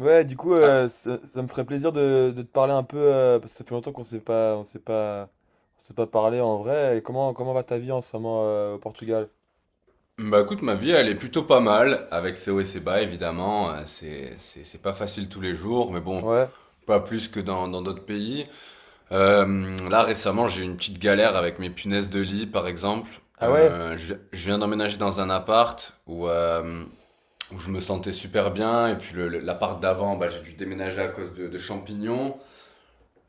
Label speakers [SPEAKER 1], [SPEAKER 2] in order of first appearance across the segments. [SPEAKER 1] Ouais, du coup,
[SPEAKER 2] Ah,
[SPEAKER 1] ça me ferait plaisir de te parler un peu, parce que ça fait longtemps qu' on s'est pas parlé en vrai. Et comment va ta vie en ce moment au Portugal?
[SPEAKER 2] bah écoute, ma vie, elle est plutôt pas mal, avec ses hauts et ses bas, évidemment. C'est, c'est pas facile tous les jours, mais bon,
[SPEAKER 1] Ouais.
[SPEAKER 2] pas plus que dans d'autres pays. Là,
[SPEAKER 1] t'as-
[SPEAKER 2] récemment, j'ai eu une petite galère avec mes punaises de lit, par exemple.
[SPEAKER 1] Ah ouais?
[SPEAKER 2] Je viens d'emménager dans un appart où, où je me sentais super bien, et puis l'appart d'avant, bah, j'ai dû déménager à cause de champignons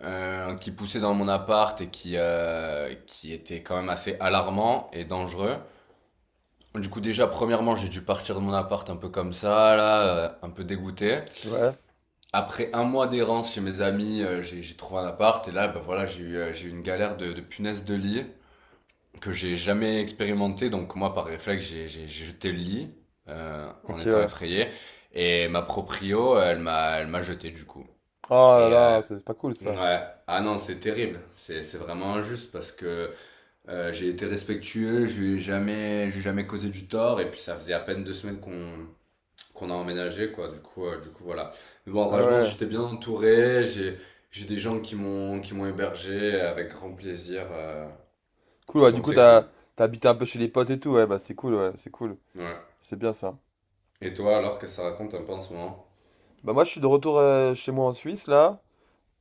[SPEAKER 2] qui poussaient dans mon appart et qui étaient quand même assez alarmants et dangereux. Du coup, déjà, premièrement, j'ai dû partir de mon appart un peu comme ça, là, un peu dégoûté.
[SPEAKER 1] Ouais.
[SPEAKER 2] Après un mois d'errance chez mes amis, j'ai trouvé un appart et là, bah voilà, j'ai eu une galère de punaise de lit que j'ai jamais expérimenté. Donc moi, par réflexe, j'ai jeté le lit en
[SPEAKER 1] Ok,
[SPEAKER 2] étant
[SPEAKER 1] ouais.
[SPEAKER 2] effrayé. Et ma proprio, elle m'a jeté du coup.
[SPEAKER 1] Oh là
[SPEAKER 2] Et
[SPEAKER 1] là, c'est pas cool ça.
[SPEAKER 2] ouais, ah non, c'est terrible. C'est vraiment injuste parce que j'ai été respectueux, je lui ai jamais causé du tort et puis ça faisait à peine deux semaines qu'on a emménagé, quoi. Du coup, voilà. Mais bon,
[SPEAKER 1] Ah
[SPEAKER 2] franchement
[SPEAKER 1] ouais.
[SPEAKER 2] j'étais bien entouré. J'ai des gens qui m'ont hébergé avec grand plaisir.
[SPEAKER 1] Cool, ouais, du
[SPEAKER 2] Donc
[SPEAKER 1] coup,
[SPEAKER 2] c'est cool.
[SPEAKER 1] t'as habité un peu chez les potes et tout, ouais, bah c'est cool, ouais, c'est cool.
[SPEAKER 2] Ouais.
[SPEAKER 1] C'est bien ça.
[SPEAKER 2] Et toi, alors, qu'est-ce que ça raconte un peu en ce moment?
[SPEAKER 1] Bah moi, je suis de retour chez moi en Suisse, là.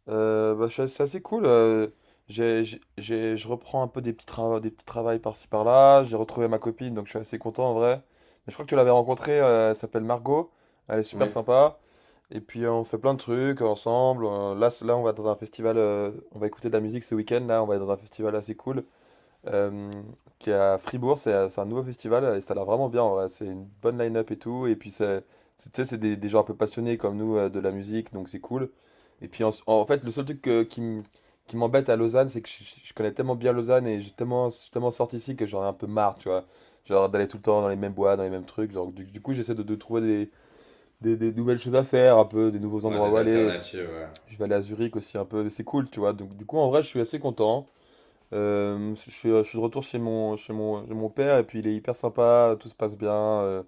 [SPEAKER 1] Bah, c'est assez cool. Je reprends un peu des petits, travaux des petits travails par-ci par-là. J'ai retrouvé ma copine, donc je suis assez content en vrai. Mais je crois que tu l'avais rencontrée, elle s'appelle Margot. Elle est super
[SPEAKER 2] Oui.
[SPEAKER 1] sympa. Et puis on fait plein de trucs ensemble. Là, là, on va dans un festival, on va écouter de la musique ce week-end. Là, on va être dans un festival assez cool euh, qui est à Fribourg. C'est un nouveau festival et ça a l'air vraiment bien en vrai. C'est une bonne line-up et tout. Et puis, tu sais, c'est des gens un peu passionnés comme nous de la musique, donc c'est cool. Et puis, en fait, le seul truc qui m'embête à Lausanne, c'est que je connais tellement bien Lausanne et j'ai tellement, je suis tellement sorti ici que j'en ai un peu marre, tu vois. Genre d'aller tout le temps dans les mêmes bois, dans les mêmes trucs. Genre, du coup, j'essaie de trouver des nouvelles choses à faire, un peu des nouveaux
[SPEAKER 2] Ouais,
[SPEAKER 1] endroits où
[SPEAKER 2] des
[SPEAKER 1] aller.
[SPEAKER 2] alternatives, ouais.
[SPEAKER 1] Je vais aller à Zurich aussi un peu, mais c'est cool, tu vois. Donc, du coup, en vrai, je suis assez content. Je suis de retour chez mon père et puis il est hyper sympa, tout se passe bien,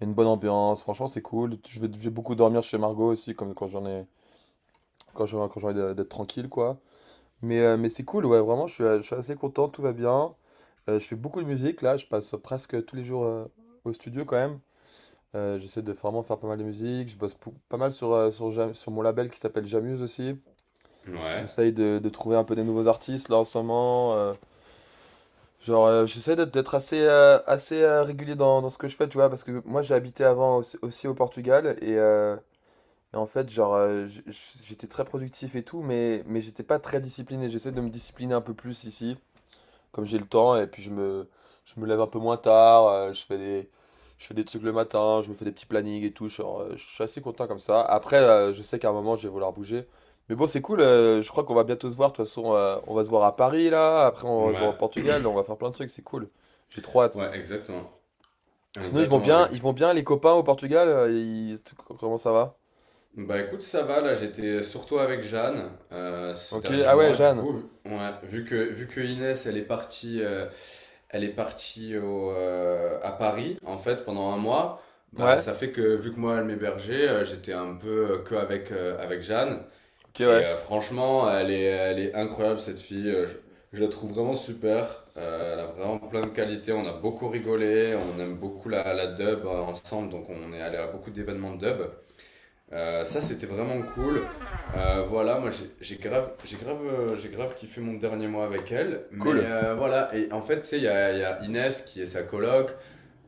[SPEAKER 1] il y a une bonne ambiance, franchement c'est cool. Je vais beaucoup dormir chez Margot aussi, comme quand j'en ai, d'être tranquille quoi. Mais c'est cool, ouais, vraiment je suis assez content, tout va bien. Je fais beaucoup de musique là, je passe presque tous les jours au studio quand même. J'essaie de vraiment faire pas mal de musique, je bosse pas mal sur mon label qui s'appelle Jamuse aussi.
[SPEAKER 2] Ouais.
[SPEAKER 1] J'essaye de trouver un peu des nouveaux artistes là en ce moment. Genre, j'essaie d'être assez, assez régulier dans ce que je fais, tu vois, parce que moi j'ai habité avant aussi au Portugal et en fait, genre, j'étais très productif et tout, mais j'étais pas très discipliné. J'essaie de me discipliner un peu plus ici comme j'ai le temps et puis je me lève un peu moins tard, je fais des trucs le matin, je me fais des petits plannings et tout, genre, je suis assez content comme ça. Après, je sais qu'à un moment, je vais vouloir bouger. Mais bon, c'est cool, je crois qu'on va bientôt se voir, de toute façon, on va se voir à Paris là, après on va se voir au
[SPEAKER 2] Ouais.
[SPEAKER 1] Portugal, on va faire plein de trucs, c'est cool. J'ai trop hâte.
[SPEAKER 2] Ouais, exactement.
[SPEAKER 1] Sinon, ils vont
[SPEAKER 2] Exactement. Et
[SPEAKER 1] bien,
[SPEAKER 2] puis,
[SPEAKER 1] ils vont bien les copains au Portugal. Comment ça va?
[SPEAKER 2] bah écoute, ça va, là j'étais surtout avec Jeanne ce
[SPEAKER 1] Ok,
[SPEAKER 2] dernier
[SPEAKER 1] ah ouais,
[SPEAKER 2] mois, du
[SPEAKER 1] Jeanne.
[SPEAKER 2] coup, vu, ouais, vu que Inès elle est partie à Paris en fait pendant un mois, bah
[SPEAKER 1] Ouais,
[SPEAKER 2] ça fait que vu que moi elle m'hébergeait, j'étais un peu que avec Jeanne.
[SPEAKER 1] ok,
[SPEAKER 2] Et
[SPEAKER 1] ouais.
[SPEAKER 2] franchement, elle est incroyable cette fille. Je la trouve vraiment super. Elle a vraiment plein de qualités, on a beaucoup rigolé, on aime beaucoup la dub ensemble, donc on est allé à beaucoup d'événements de dub. Ça, c'était vraiment cool. Voilà, moi j'ai grave kiffé mon dernier mois avec elle. Mais
[SPEAKER 1] Cool.
[SPEAKER 2] voilà, et en fait, tu sais, il y a Inès qui est sa coloc,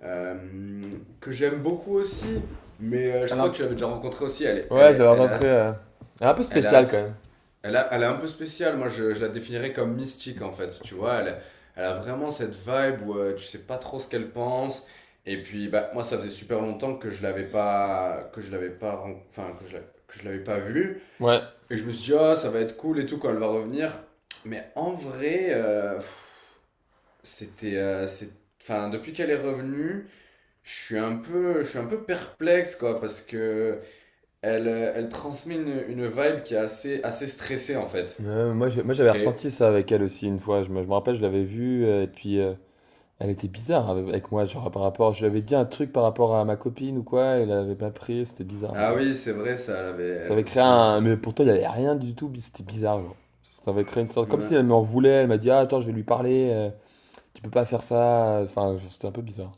[SPEAKER 2] euh, que j'aime beaucoup aussi. Mais je
[SPEAKER 1] Elle
[SPEAKER 2] crois que
[SPEAKER 1] a-
[SPEAKER 2] je l'avais déjà rencontrée aussi. Elle, est- elle,
[SPEAKER 1] Ouais, je
[SPEAKER 2] est-
[SPEAKER 1] l'avais
[SPEAKER 2] elle a,
[SPEAKER 1] rencontrée. Elle est un peu
[SPEAKER 2] elle a,
[SPEAKER 1] spéciale quand même.
[SPEAKER 2] elle, a- Elle est un peu spéciale. Je la définirais comme mystique en fait, tu vois, elle, elle a vraiment cette vibe où tu sais pas trop ce qu'elle pense, et puis bah, moi ça faisait super longtemps que je l'avais pas, que je l'avais pas, ren- enfin que je la- que je l'avais pas vue,
[SPEAKER 1] Ouais.
[SPEAKER 2] et je me suis dit ah ça va être cool et tout quand elle va revenir, mais en vrai, c'était, euh, c'est, enfin depuis qu'elle est revenue, je suis un peu perplexe quoi, parce que elle, elle transmet une vibe qui est assez stressée en fait.
[SPEAKER 1] Moi, j'avais
[SPEAKER 2] Et
[SPEAKER 1] ressenti ça avec elle aussi une fois. Je me rappelle, je l'avais vue, et puis elle était bizarre avec moi, genre par rapport. Je lui avais dit un truc par rapport à ma copine ou quoi, elle avait pas pris, c'était bizarre un peu.
[SPEAKER 2] ah oui, c'est vrai, ça, elle avait...
[SPEAKER 1] Ça
[SPEAKER 2] je
[SPEAKER 1] avait
[SPEAKER 2] me
[SPEAKER 1] créé
[SPEAKER 2] souviens de
[SPEAKER 1] un.
[SPEAKER 2] ça.
[SPEAKER 1] Mais pourtant, il n'y avait rien du tout, c'était bizarre, genre. Ça avait créé une sorte. Comme si elle
[SPEAKER 2] Ouais.
[SPEAKER 1] m'en voulait, elle m'a dit, « Ah, attends, je vais lui parler, tu peux pas faire ça. » Enfin, genre, c'était un peu bizarre.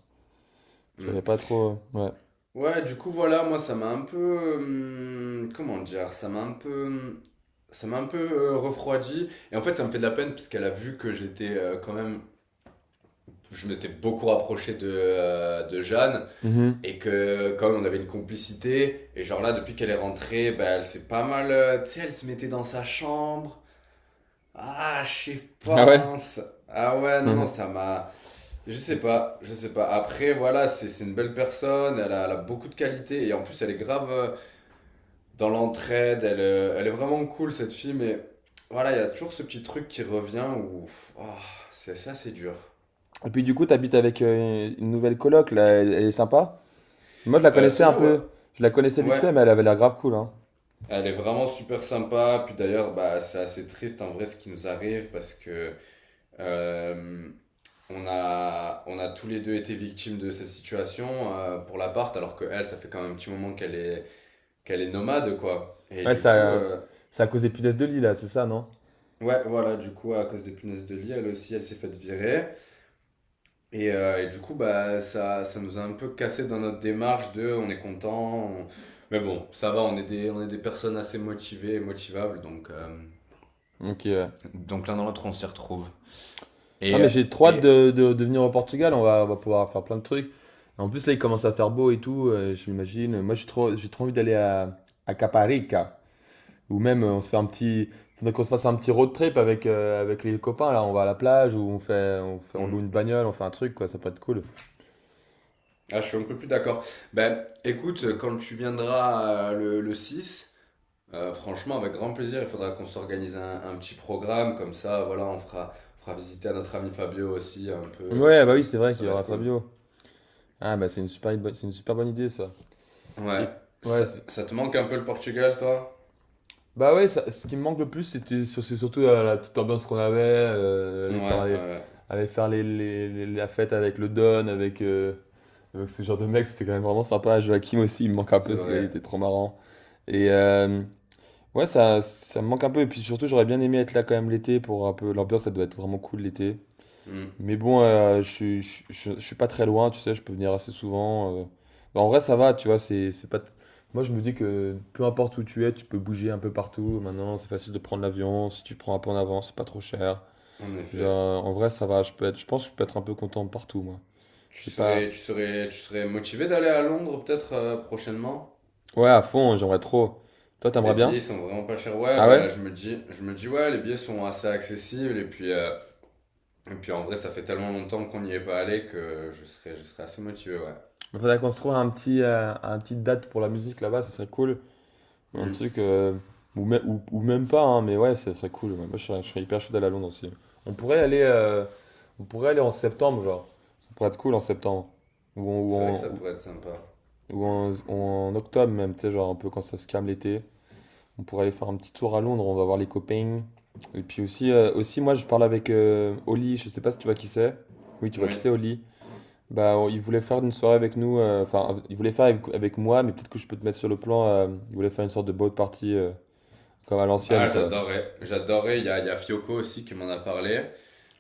[SPEAKER 1] J'avais
[SPEAKER 2] Mm.
[SPEAKER 1] pas trop. Ouais.
[SPEAKER 2] Ouais, du coup, voilà, moi, ça m'a un peu... comment dire? Ça m'a un peu... ça m'a un peu refroidi. Et en fait, ça me fait de la peine parce qu'elle a vu que j'étais quand même... Je m'étais beaucoup rapproché de Jeanne
[SPEAKER 1] Mhm.
[SPEAKER 2] et que quand même on avait une complicité. Et genre là, depuis qu'elle est rentrée, bah, elle s'est pas mal... tu sais, elle se mettait dans sa chambre. Ah, je sais
[SPEAKER 1] Ah
[SPEAKER 2] pas,
[SPEAKER 1] ouais?
[SPEAKER 2] hein, ça- Ah ouais, non, non, ça m'a... Je sais pas, je sais pas. Après, voilà, c'est une belle personne, elle a beaucoup de qualités, et en plus, elle est grave dans l'entraide, elle, elle est vraiment cool, cette fille, mais voilà, il y a toujours ce petit truc qui revient où... pff, ah, c'est ça, c'est dur.
[SPEAKER 1] Et puis, du coup, t'habites avec une nouvelle coloc, là, elle est sympa? Moi, je la connaissais un
[SPEAKER 2] Sonia, ouais,
[SPEAKER 1] peu. Je la connaissais vite
[SPEAKER 2] ouais,
[SPEAKER 1] fait, mais elle avait l'air grave cool, hein.
[SPEAKER 2] elle est vraiment super sympa, puis d'ailleurs, bah, c'est assez triste en vrai ce qui nous arrive, parce que... Euh, on a tous les deux été victimes de cette situation pour l'appart, alors que elle, ça fait quand même un petit moment qu'elle est nomade, quoi.
[SPEAKER 1] Ouais, ça, ça a causé punaise de lit, là, c'est ça, non?
[SPEAKER 2] Ouais, voilà, du coup, à cause des punaises de lit, elle aussi, elle s'est faite virer. Et du coup, bah, ça nous a un peu cassé dans notre démarche de on est content. On- Mais bon, ça va, on est des personnes assez motivées et motivables,
[SPEAKER 1] Ok, ouais.
[SPEAKER 2] donc l'un dans l'autre, on s'y retrouve.
[SPEAKER 1] Non,
[SPEAKER 2] Et,
[SPEAKER 1] mais j'ai trop hâte
[SPEAKER 2] et
[SPEAKER 1] de venir au Portugal. On va pouvoir faire plein de trucs. En plus, là, il commence à faire beau et tout, je m'imagine. Moi, j'ai trop envie d'aller à Caparica. Ou même, on se fait un petit. Faudrait qu'on se fasse un petit road trip avec les copains, là. On va à la plage, ou on loue une bagnole, on fait un truc, quoi. Ça peut être cool.
[SPEAKER 2] ah, je suis un peu plus d'accord. Ben, écoute, quand tu viendras le 6, franchement, avec grand plaisir, il faudra qu'on s'organise un petit programme, comme ça, voilà, on fera visiter à notre ami Fabio aussi, un peu, je
[SPEAKER 1] Ouais, bah oui, c'est
[SPEAKER 2] pense.
[SPEAKER 1] vrai
[SPEAKER 2] Ça
[SPEAKER 1] qu'il y
[SPEAKER 2] va
[SPEAKER 1] aura
[SPEAKER 2] être cool.
[SPEAKER 1] Fabio. Ah, bah, c'est une super bonne idée, ça.
[SPEAKER 2] Ouais,
[SPEAKER 1] Et, ouais,
[SPEAKER 2] ça, ça te manque un peu le Portugal, toi?
[SPEAKER 1] bah ouais, ce qui me manque le plus, c'est surtout la petite ambiance qu'on avait,
[SPEAKER 2] Ouais,
[SPEAKER 1] aller faire,
[SPEAKER 2] ouais,
[SPEAKER 1] les,
[SPEAKER 2] ouais,
[SPEAKER 1] aller faire les, les- les- la fête avec le Don, avec ce genre de mec, c'était quand même vraiment sympa. Joachim aussi, il me manque un
[SPEAKER 2] c'est
[SPEAKER 1] peu, ce gars, il
[SPEAKER 2] vrai.
[SPEAKER 1] était trop marrant. Et ouais, ça me manque un peu, et puis surtout, j'aurais bien aimé être là quand même l'été pour un peu l'ambiance, ça doit être vraiment cool l'été.
[SPEAKER 2] Hmm,
[SPEAKER 1] Mais bon, je suis pas très loin, tu sais, je peux venir assez souvent. Bah, en vrai, ça va, tu vois, c'est pas. Moi, je me dis que peu importe où tu es, tu peux bouger un peu partout. Maintenant, c'est facile de prendre l'avion. Si tu prends un peu en avance, c'est pas trop cher.
[SPEAKER 2] en effet.
[SPEAKER 1] Genre, en vrai, ça va, je peux être. Je pense que je peux être un peu content partout, moi. J'ai pas.
[SPEAKER 2] Tu serais motivé d'aller à Londres, peut-être, prochainement?
[SPEAKER 1] Ouais, à fond, j'aimerais trop. Toi, t'aimerais
[SPEAKER 2] Les billets ils
[SPEAKER 1] bien?
[SPEAKER 2] sont vraiment pas chers. Ouais,
[SPEAKER 1] Ah ouais?
[SPEAKER 2] bah, je me dis, ouais, les billets sont assez accessibles, et puis, et puis en vrai, ça fait tellement longtemps qu'on n'y est pas allé que je serais assez motivé, ouais.
[SPEAKER 1] Il faudrait qu'on se trouve un petite date pour la musique là-bas, ça serait cool. Un
[SPEAKER 2] Hmm.
[SPEAKER 1] truc, ou même pas, hein, mais ouais, ça serait cool. Ouais. Moi, je serais hyper chaud d'aller à Londres aussi. On pourrait aller, euh, on pourrait aller en septembre, genre. Ça pourrait être cool en septembre. Ou en, ou
[SPEAKER 2] C'est vrai que
[SPEAKER 1] en,
[SPEAKER 2] ça
[SPEAKER 1] ou-
[SPEAKER 2] pourrait être sympa.
[SPEAKER 1] ou en octobre même, tu sais, genre un peu quand ça se calme l'été. On pourrait aller faire un petit tour à Londres, on va voir les copains. Et puis aussi, aussi, moi, je parle avec Oli, je sais pas si tu vois qui c'est. Oui, tu vois qui
[SPEAKER 2] Oui.
[SPEAKER 1] c'est, Oli. Bah, il voulait faire une soirée avec nous, enfin, il voulait faire avec moi, mais peut-être que je peux te mettre sur le plan. Il voulait faire une sorte de boat party. Comme à
[SPEAKER 2] Ah,
[SPEAKER 1] l'ancienne, quoi.
[SPEAKER 2] j'adorerais. J'adorerais. Il y a Fioco aussi qui m'en a parlé.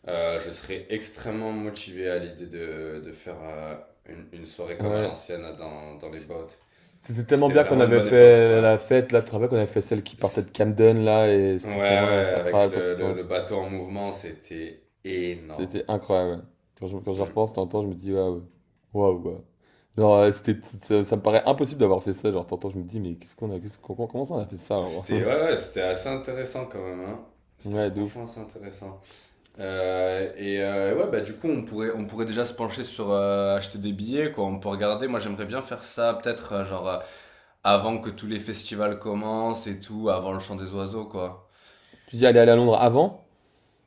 [SPEAKER 2] Je serais extrêmement motivé à l'idée de faire une soirée comme à
[SPEAKER 1] Ouais.
[SPEAKER 2] l'ancienne là, dans les bottes.
[SPEAKER 1] C'était tellement
[SPEAKER 2] C'était
[SPEAKER 1] bien qu'on
[SPEAKER 2] vraiment une
[SPEAKER 1] avait
[SPEAKER 2] bonne époque,
[SPEAKER 1] fait
[SPEAKER 2] ouais.
[SPEAKER 1] la fête, là, tu te rappelles qu'on avait fait celle qui partait
[SPEAKER 2] C-
[SPEAKER 1] de Camden, là, et
[SPEAKER 2] Ouais,
[SPEAKER 1] c'était tellement
[SPEAKER 2] ouais, avec
[SPEAKER 1] incroyable quand tu y
[SPEAKER 2] le
[SPEAKER 1] penses.
[SPEAKER 2] bateau en mouvement, c'était énorme.
[SPEAKER 1] C'était incroyable, ouais. Quand j'y
[SPEAKER 2] Hmm.
[SPEAKER 1] repense, t'entends, je me dis, waouh, waouh, quoi. Genre, ça me paraît impossible d'avoir fait ça, genre, t'entends, je me dis, mais qu'est-ce qu'on a, qu'est-ce qu'on- comment ça on a fait ça, genre
[SPEAKER 2] C'était, ouais, ouais, c'était assez intéressant quand même, hein. C'était
[SPEAKER 1] Ouais, de ouf.
[SPEAKER 2] franchement assez intéressant. Ouais, bah du coup, on pourrait déjà se pencher sur acheter des billets, quoi. On peut regarder. Moi, j'aimerais bien faire ça, peut-être, avant que tous les festivals commencent et tout, avant le chant des oiseaux, quoi.
[SPEAKER 1] Tu dis, allez, aller à Londres avant?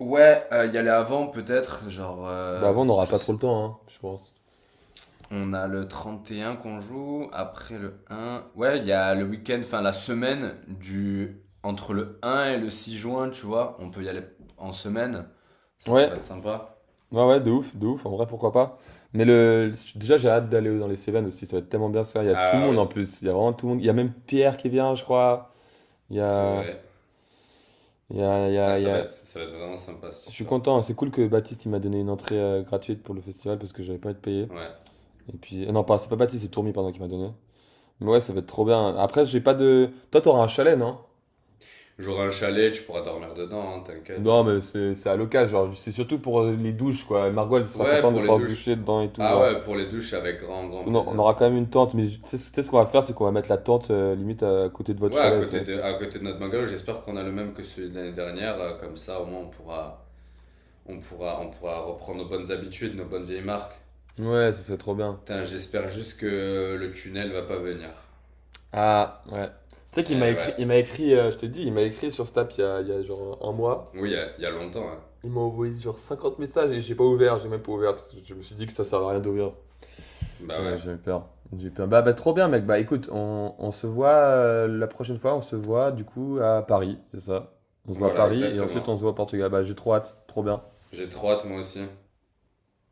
[SPEAKER 2] Ouais, y aller avant, peut-être,
[SPEAKER 1] Bah, avant, on n'aura
[SPEAKER 2] je
[SPEAKER 1] pas trop le
[SPEAKER 2] sais.
[SPEAKER 1] temps, hein, je pense.
[SPEAKER 2] On a le 31 qu'on joue, après le un. Ouais, il y a le week-end, enfin, la semaine du. Entre le un et le 6 juin, tu vois. On peut y aller en semaine. Ça
[SPEAKER 1] Ouais,
[SPEAKER 2] pourrait être sympa.
[SPEAKER 1] ouais, ouais, de ouf, en vrai, pourquoi pas. Mais déjà, j'ai hâte d'aller dans les Cévennes aussi, ça va être tellement bien ça. Il y a tout le
[SPEAKER 2] Ah
[SPEAKER 1] monde
[SPEAKER 2] oui,
[SPEAKER 1] en plus, il y a vraiment tout le monde. Il y a même Pierre qui vient, je crois. Il y
[SPEAKER 2] c'est
[SPEAKER 1] a,
[SPEAKER 2] vrai.
[SPEAKER 1] il y
[SPEAKER 2] Ah,
[SPEAKER 1] a, il y a-
[SPEAKER 2] ça va être vraiment sympa cette
[SPEAKER 1] Je suis
[SPEAKER 2] histoire.
[SPEAKER 1] content, hein. C'est cool que Baptiste il m'a donné une entrée gratuite pour le festival parce que j'avais pas envie de payer.
[SPEAKER 2] Ouais.
[SPEAKER 1] Et puis, non, pas, c'est pas Baptiste, c'est Tourmi, pardon, qui m'a donné. Mais ouais, ça va être trop bien. Après, j'ai pas de. Toi, t'auras un chalet, non?
[SPEAKER 2] J'aurai un chalet, tu pourras dormir dedans, hein, t'inquiète,
[SPEAKER 1] Non,
[SPEAKER 2] hein.
[SPEAKER 1] mais c'est à l'occasion, genre, c'est surtout pour les douches, quoi. Margot, elle sera
[SPEAKER 2] Ouais,
[SPEAKER 1] contente de
[SPEAKER 2] pour les
[SPEAKER 1] pouvoir se
[SPEAKER 2] douches.
[SPEAKER 1] doucher dedans et tout,
[SPEAKER 2] Ah
[SPEAKER 1] genre.
[SPEAKER 2] ouais, pour les douches, avec grand, grand
[SPEAKER 1] On
[SPEAKER 2] plaisir,
[SPEAKER 1] aura
[SPEAKER 2] frère.
[SPEAKER 1] quand même une tente, mais tu sais ce qu'on va faire, c'est qu'on va mettre la tente limite à côté de votre
[SPEAKER 2] Ouais,
[SPEAKER 1] chalet, tu sais.
[SPEAKER 2] à côté de notre bungalow, j'espère qu'on a le même que celui de l'année dernière. Comme ça, au moins, on pourra reprendre nos bonnes habitudes, nos bonnes vieilles marques.
[SPEAKER 1] Ouais, ça serait trop bien.
[SPEAKER 2] Putain, j'espère juste que le tunnel va pas venir.
[SPEAKER 1] Ah, ouais. Tu sais qu'il m'a
[SPEAKER 2] Eh
[SPEAKER 1] écrit, il
[SPEAKER 2] ouais.
[SPEAKER 1] m'a écrit, je te dis, il m'a écrit sur Snap il y a genre un mois.
[SPEAKER 2] Oui, il y a longtemps, hein.
[SPEAKER 1] Il m'a envoyé genre 50 messages et j'ai pas ouvert, j'ai même pas ouvert parce que je me suis dit que ça servait à rien d'ouvrir.
[SPEAKER 2] Bah
[SPEAKER 1] J'ai
[SPEAKER 2] ouais.
[SPEAKER 1] j'ai eu peur. J'ai eu peur. Bah, bah, trop bien, mec. Bah, écoute, on se voit la prochaine fois. On se voit, du coup, à Paris, c'est ça. On se voit à
[SPEAKER 2] Voilà,
[SPEAKER 1] Paris et ensuite on se
[SPEAKER 2] exactement.
[SPEAKER 1] voit au Portugal. Bah, j'ai trop hâte. Trop bien.
[SPEAKER 2] J'ai trop hâte, moi aussi.